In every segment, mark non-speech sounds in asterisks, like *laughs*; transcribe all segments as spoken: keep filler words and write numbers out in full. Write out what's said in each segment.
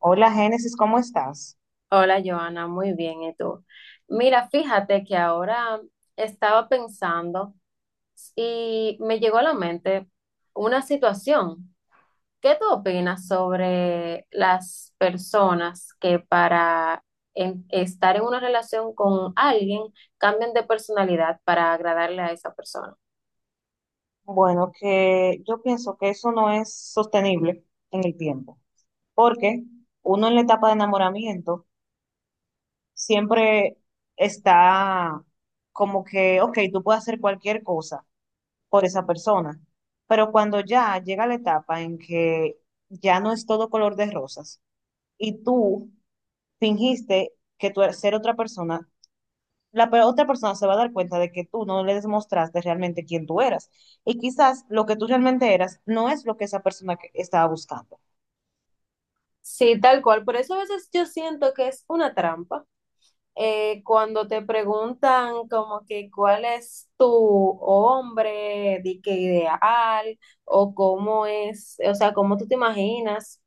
Hola, Génesis, ¿cómo estás? Hola, Joana, muy bien, ¿y tú? Mira, fíjate que ahora estaba pensando y me llegó a la mente una situación. ¿Qué tú opinas sobre las personas que para en- estar en una relación con alguien cambian de personalidad para agradarle a esa persona? Bueno, que yo pienso que eso no es sostenible en el tiempo, porque uno en la etapa de enamoramiento siempre está como que, ok, tú puedes hacer cualquier cosa por esa persona, pero cuando ya llega la etapa en que ya no es todo color de rosas y tú fingiste que tú eres ser otra persona, la pe- otra persona se va a dar cuenta de que tú no le demostraste realmente quién tú eras. Y quizás lo que tú realmente eras no es lo que esa persona que estaba buscando. Sí, tal cual. Por eso a veces yo siento que es una trampa. Eh, cuando te preguntan como que cuál es tu hombre, di que ideal, o cómo es, o sea, cómo tú te imaginas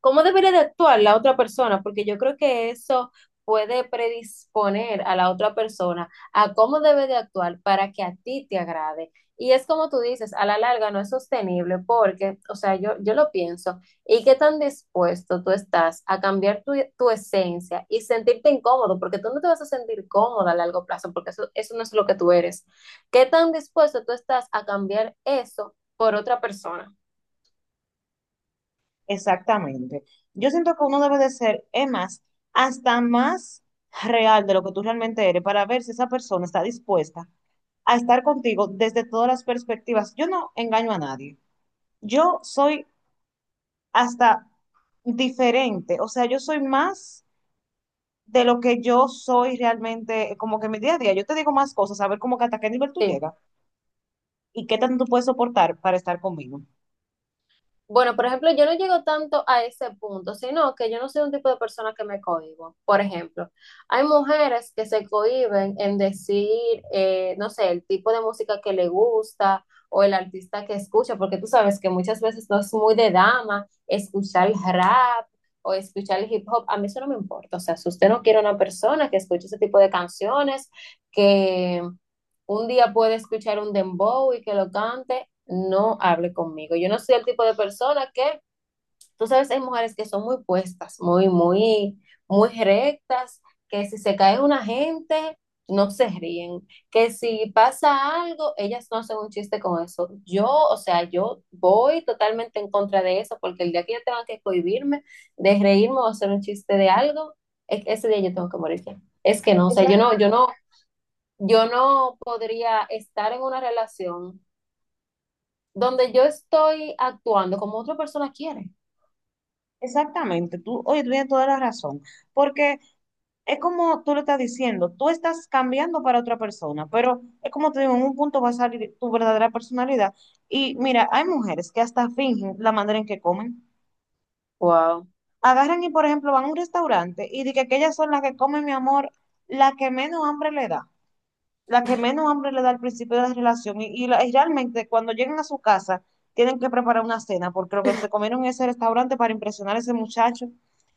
cómo debería de actuar la otra persona, porque yo creo que eso puede predisponer a la otra persona a cómo debe de actuar para que a ti te agrade. Y es como tú dices, a la larga no es sostenible porque, o sea, yo, yo lo pienso, ¿y qué tan dispuesto tú estás a cambiar tu, tu esencia y sentirte incómodo? Porque tú no te vas a sentir cómoda a largo plazo, porque eso, eso no es lo que tú eres. ¿Qué tan dispuesto tú estás a cambiar eso por otra persona? Exactamente. Yo siento que uno debe de ser, es más, hasta más real de lo que tú realmente eres para ver si esa persona está dispuesta a estar contigo desde todas las perspectivas. Yo no engaño a nadie. Yo soy hasta diferente, o sea, yo soy más de lo que yo soy realmente, eh, como que en mi día a día, yo te digo más cosas, a ver como que hasta qué nivel tú Sí. llegas y qué tanto tú puedes soportar para estar conmigo. Bueno, por ejemplo, yo no llego tanto a ese punto, sino que yo no soy un tipo de persona que me cohíbo. Por ejemplo, hay mujeres que se cohíben en decir, eh, no sé, el tipo de música que le gusta o el artista que escucha, porque tú sabes que muchas veces no es muy de dama escuchar el rap o escuchar el hip hop. A mí eso no me importa. O sea, si usted no quiere una persona que escuche ese tipo de canciones, que un día puede escuchar un dembow y que lo cante, no hable conmigo. Yo no soy el tipo de persona que, tú sabes, hay mujeres que son muy puestas, muy, muy, muy rectas, que si se cae una gente, no se ríen, que si pasa algo, ellas no hacen un chiste con eso. Yo, o sea, yo voy totalmente en contra de eso, porque el día que yo tenga que cohibirme de reírme o hacer un chiste de algo, e- ese día yo tengo que morir ya. Es que no, o sea, yo no, Exacta- yo no yo no podría estar en una relación donde yo estoy actuando como otra persona quiere. Exactamente, tú, oye, tú tienes toda la razón, porque es como tú lo estás diciendo, tú estás cambiando para otra persona, pero es como te digo, en un punto va a salir tu verdadera personalidad. Y mira, hay mujeres que hasta fingen la manera en que comen. Wow. Agarran y, por ejemplo, van a un restaurante y dicen que, que ellas son las que comen, mi amor, la que menos hambre le da. La que menos hambre le da al principio de la relación y, y la- y realmente cuando llegan a su casa tienen que preparar una cena porque lo que se comieron en ese restaurante para impresionar a ese muchacho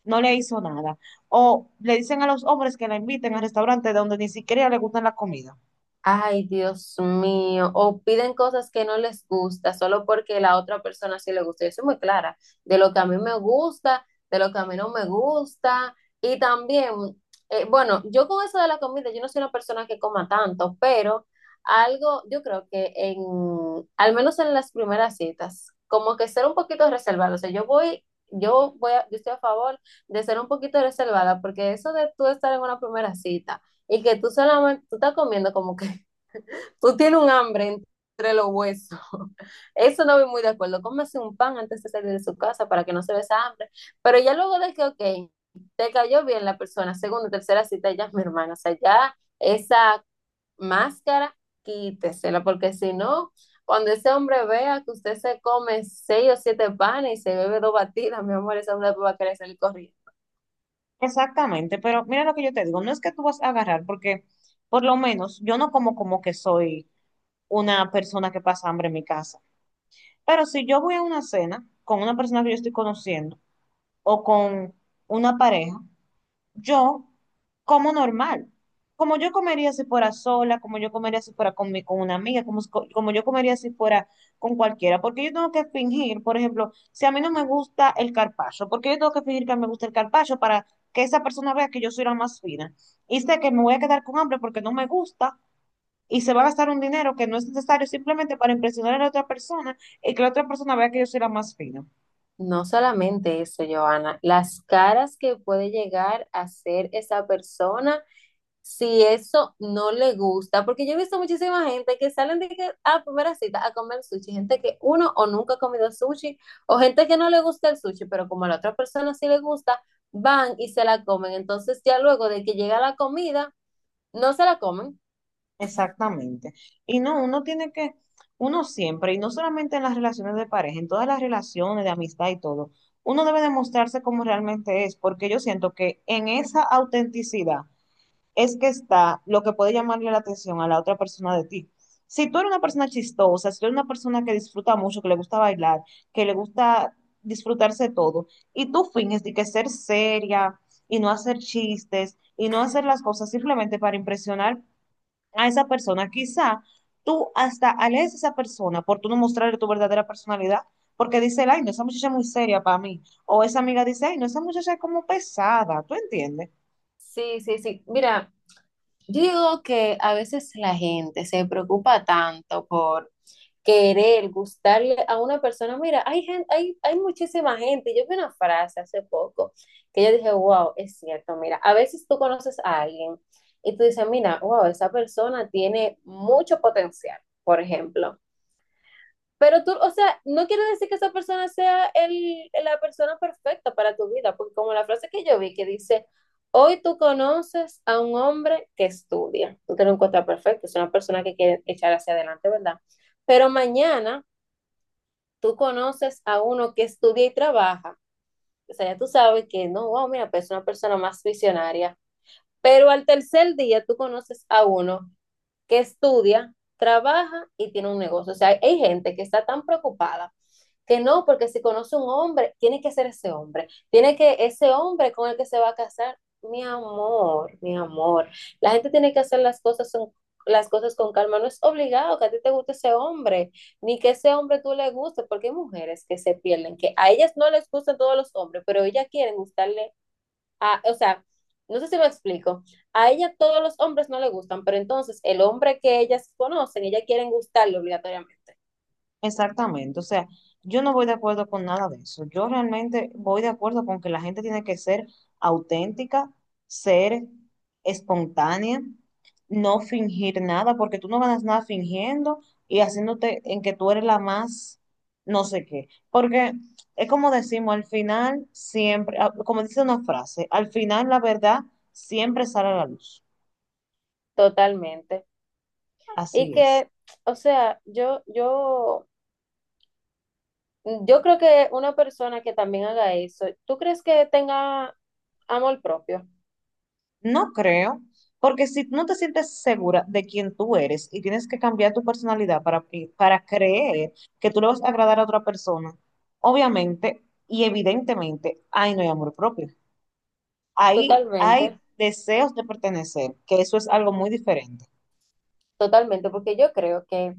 no le hizo nada. O le dicen a los hombres que la inviten al restaurante donde ni siquiera le gustan la comida. Ay, Dios mío, o piden cosas que no les gusta solo porque la otra persona sí le gusta. Yo soy muy clara de lo que a mí me gusta, de lo que a mí no me gusta. Y también, eh, bueno, yo con eso de la comida, yo no soy una persona que coma tanto, pero algo, yo creo que en, al menos en las primeras citas, como que ser un poquito reservado. O sea, yo voy, yo voy, a- yo estoy a favor de ser un poquito reservada, porque eso de tú estar en una primera cita. Y que tú solamente, tú estás comiendo como que tú tienes un hambre entre los huesos. *laughs* Eso no voy muy de acuerdo. Cómese un pan antes de salir de su casa para que no se vea esa hambre. Pero ya luego de que, ok, te cayó bien la persona, segunda, tercera cita, ya es mi hermana. O sea, ya esa máscara, quítesela, porque si no, cuando ese hombre vea que usted se come seis o siete panes y se bebe dos batidas, mi amor, ese hombre va a querer salir corriendo. Exactamente, pero mira lo que yo te digo, no es que tú vas a agarrar porque, por lo menos, yo no como como que soy una persona que pasa hambre en mi casa. Pero si yo voy a una cena con una persona que yo estoy conociendo o con una pareja, yo como normal. Como yo comería si fuera sola, como yo comería si fuera con, mi- con una amiga, como, s- co- como yo comería si fuera con cualquiera. Porque yo tengo que fingir, por ejemplo, si a mí no me gusta el carpaccio, porque yo tengo que fingir que me gusta el carpaccio para que esa persona vea que yo soy la más fina. Y sé que me voy a quedar con hambre porque no me gusta y se va a gastar un dinero que no es necesario simplemente para impresionar a la otra persona y que la otra persona vea que yo soy la más fina. No solamente eso, Joana, las caras que puede llegar a ser esa persona si eso no le gusta, porque yo he visto muchísima gente que salen de que a primera cita a comer sushi, gente que uno o nunca ha comido sushi, o gente que no le gusta el sushi, pero como a la otra persona sí le gusta, van y se la comen. Entonces ya luego de que llega la comida, no se la comen. Exactamente. Y no, uno tiene que, uno siempre, y no solamente en las relaciones de pareja, en todas las relaciones de amistad y todo, uno debe demostrarse como realmente es, porque yo siento que en esa autenticidad es que está lo que puede llamarle la atención a la otra persona de ti. Si tú eres una persona chistosa, si tú eres una persona que disfruta mucho, que le gusta bailar, que le gusta disfrutarse todo, y tú finges de que ser seria y no hacer chistes y no hacer las cosas simplemente para impresionar a esa persona. Quizá tú hasta alejes a esa persona por tú no mostrarle tu verdadera personalidad, porque dice, ay, no, esa muchacha es muy seria para mí. O esa amiga dice, ay, no, esa muchacha es como pesada, ¿tú entiendes? Sí, sí, sí. Mira, yo digo que a veces la gente se preocupa tanto por querer, gustarle a una persona. Mira, hay gente, hay, hay muchísima gente. Yo vi una frase hace poco que yo dije, wow, es cierto, mira, a veces tú conoces a alguien y tú dices, mira, wow, esa persona tiene mucho potencial, por ejemplo. Pero tú, o sea, no quiere decir que esa persona sea el, la persona perfecta para tu vida, porque como la frase que yo vi que dice, hoy tú conoces a un hombre que estudia, tú te lo encuentras perfecto, es una persona que quiere echar hacia adelante, ¿verdad? Pero mañana tú conoces a uno que estudia y trabaja, o sea, ya tú sabes que no, wow, mira, pues es una persona más visionaria, pero al tercer día tú conoces a uno que estudia, trabaja y tiene un negocio. O sea, hay gente que está tan preocupada que no, porque si conoce un hombre, tiene que ser ese hombre, tiene que ese hombre con el que se va a casar, mi amor, mi amor, la gente tiene que hacer las cosas son las cosas con calma, no es obligado que a ti te guste ese hombre, ni que ese hombre tú le guste, porque hay mujeres que se pierden, que a ellas no les gustan todos los hombres, pero ellas quieren gustarle a, o sea, no sé si me explico. A ella todos los hombres no le gustan, pero entonces el hombre que ellas conocen, ellas quieren gustarle obligatoriamente. Exactamente, o sea, yo no voy de acuerdo con nada de eso. Yo realmente voy de acuerdo con que la gente tiene que ser auténtica, ser espontánea, no fingir nada, porque tú no ganas nada fingiendo y haciéndote en que tú eres la más no sé qué. Porque es como decimos, al final siempre, ah, como dice una frase, al final la verdad siempre sale a la luz. Totalmente. Y Así es. que, o sea, yo, yo, yo creo que una persona que también haga eso, ¿tú crees que tenga amor propio? No creo, porque si no te sientes segura de quién tú eres y tienes que cambiar tu personalidad para, que- para creer que tú le vas a agradar a otra persona, obviamente y evidentemente, ahí no hay amor propio. Ahí hay Totalmente, deseos de pertenecer, que eso es algo muy diferente. totalmente, porque yo creo que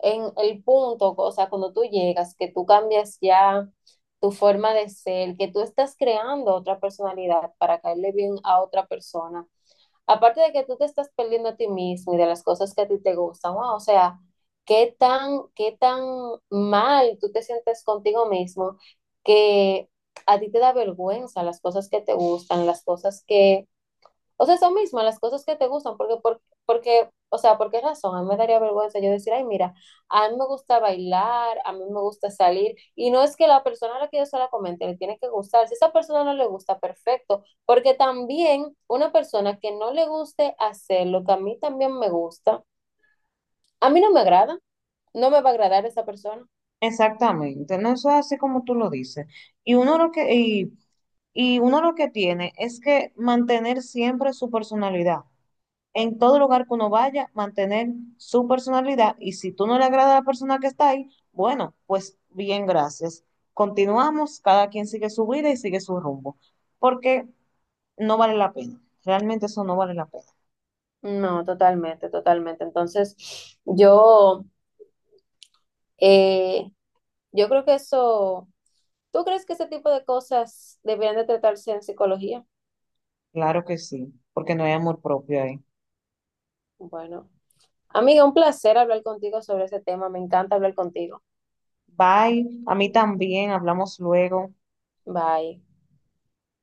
en el punto, o sea, cuando tú llegas, que tú cambias ya tu forma de ser, que tú estás creando otra personalidad para caerle bien a otra persona, aparte de que tú te estás perdiendo a ti mismo y de las cosas que a ti te gustan, wow, o sea, qué tan, qué tan mal tú te sientes contigo mismo que a ti te da vergüenza las cosas que te gustan, las cosas que, o sea, eso mismo, las cosas que te gustan, porque, por- porque, o sea, ¿por qué razón? A mí me daría vergüenza yo decir, ay, mira, a mí me gusta bailar, a mí me gusta salir, y no es que la persona a la que yo se la comente le tiene que gustar, si a esa persona no le gusta, perfecto, porque también una persona que no le guste hacer lo que a mí también me gusta, a mí no me agrada, no me va a agradar esa persona. Exactamente, no, eso es así como tú lo dices. Y uno lo que, y Y uno lo que tiene es que mantener siempre su personalidad. En todo lugar que uno vaya, mantener su personalidad. Y si tú no le agrada a la persona que está ahí, bueno, pues bien, gracias. Continuamos, cada quien sigue su vida y sigue su rumbo. Porque no vale la pena. Realmente eso no vale la pena. No, totalmente, totalmente. Entonces, yo, eh, yo creo que eso... ¿Tú crees que ese tipo de cosas deberían de tratarse en psicología? Claro que sí, porque no hay amor propio ahí. Bueno, amiga, un placer hablar contigo sobre ese tema. Me encanta hablar contigo. Bye, a mí también, hablamos luego. Bye.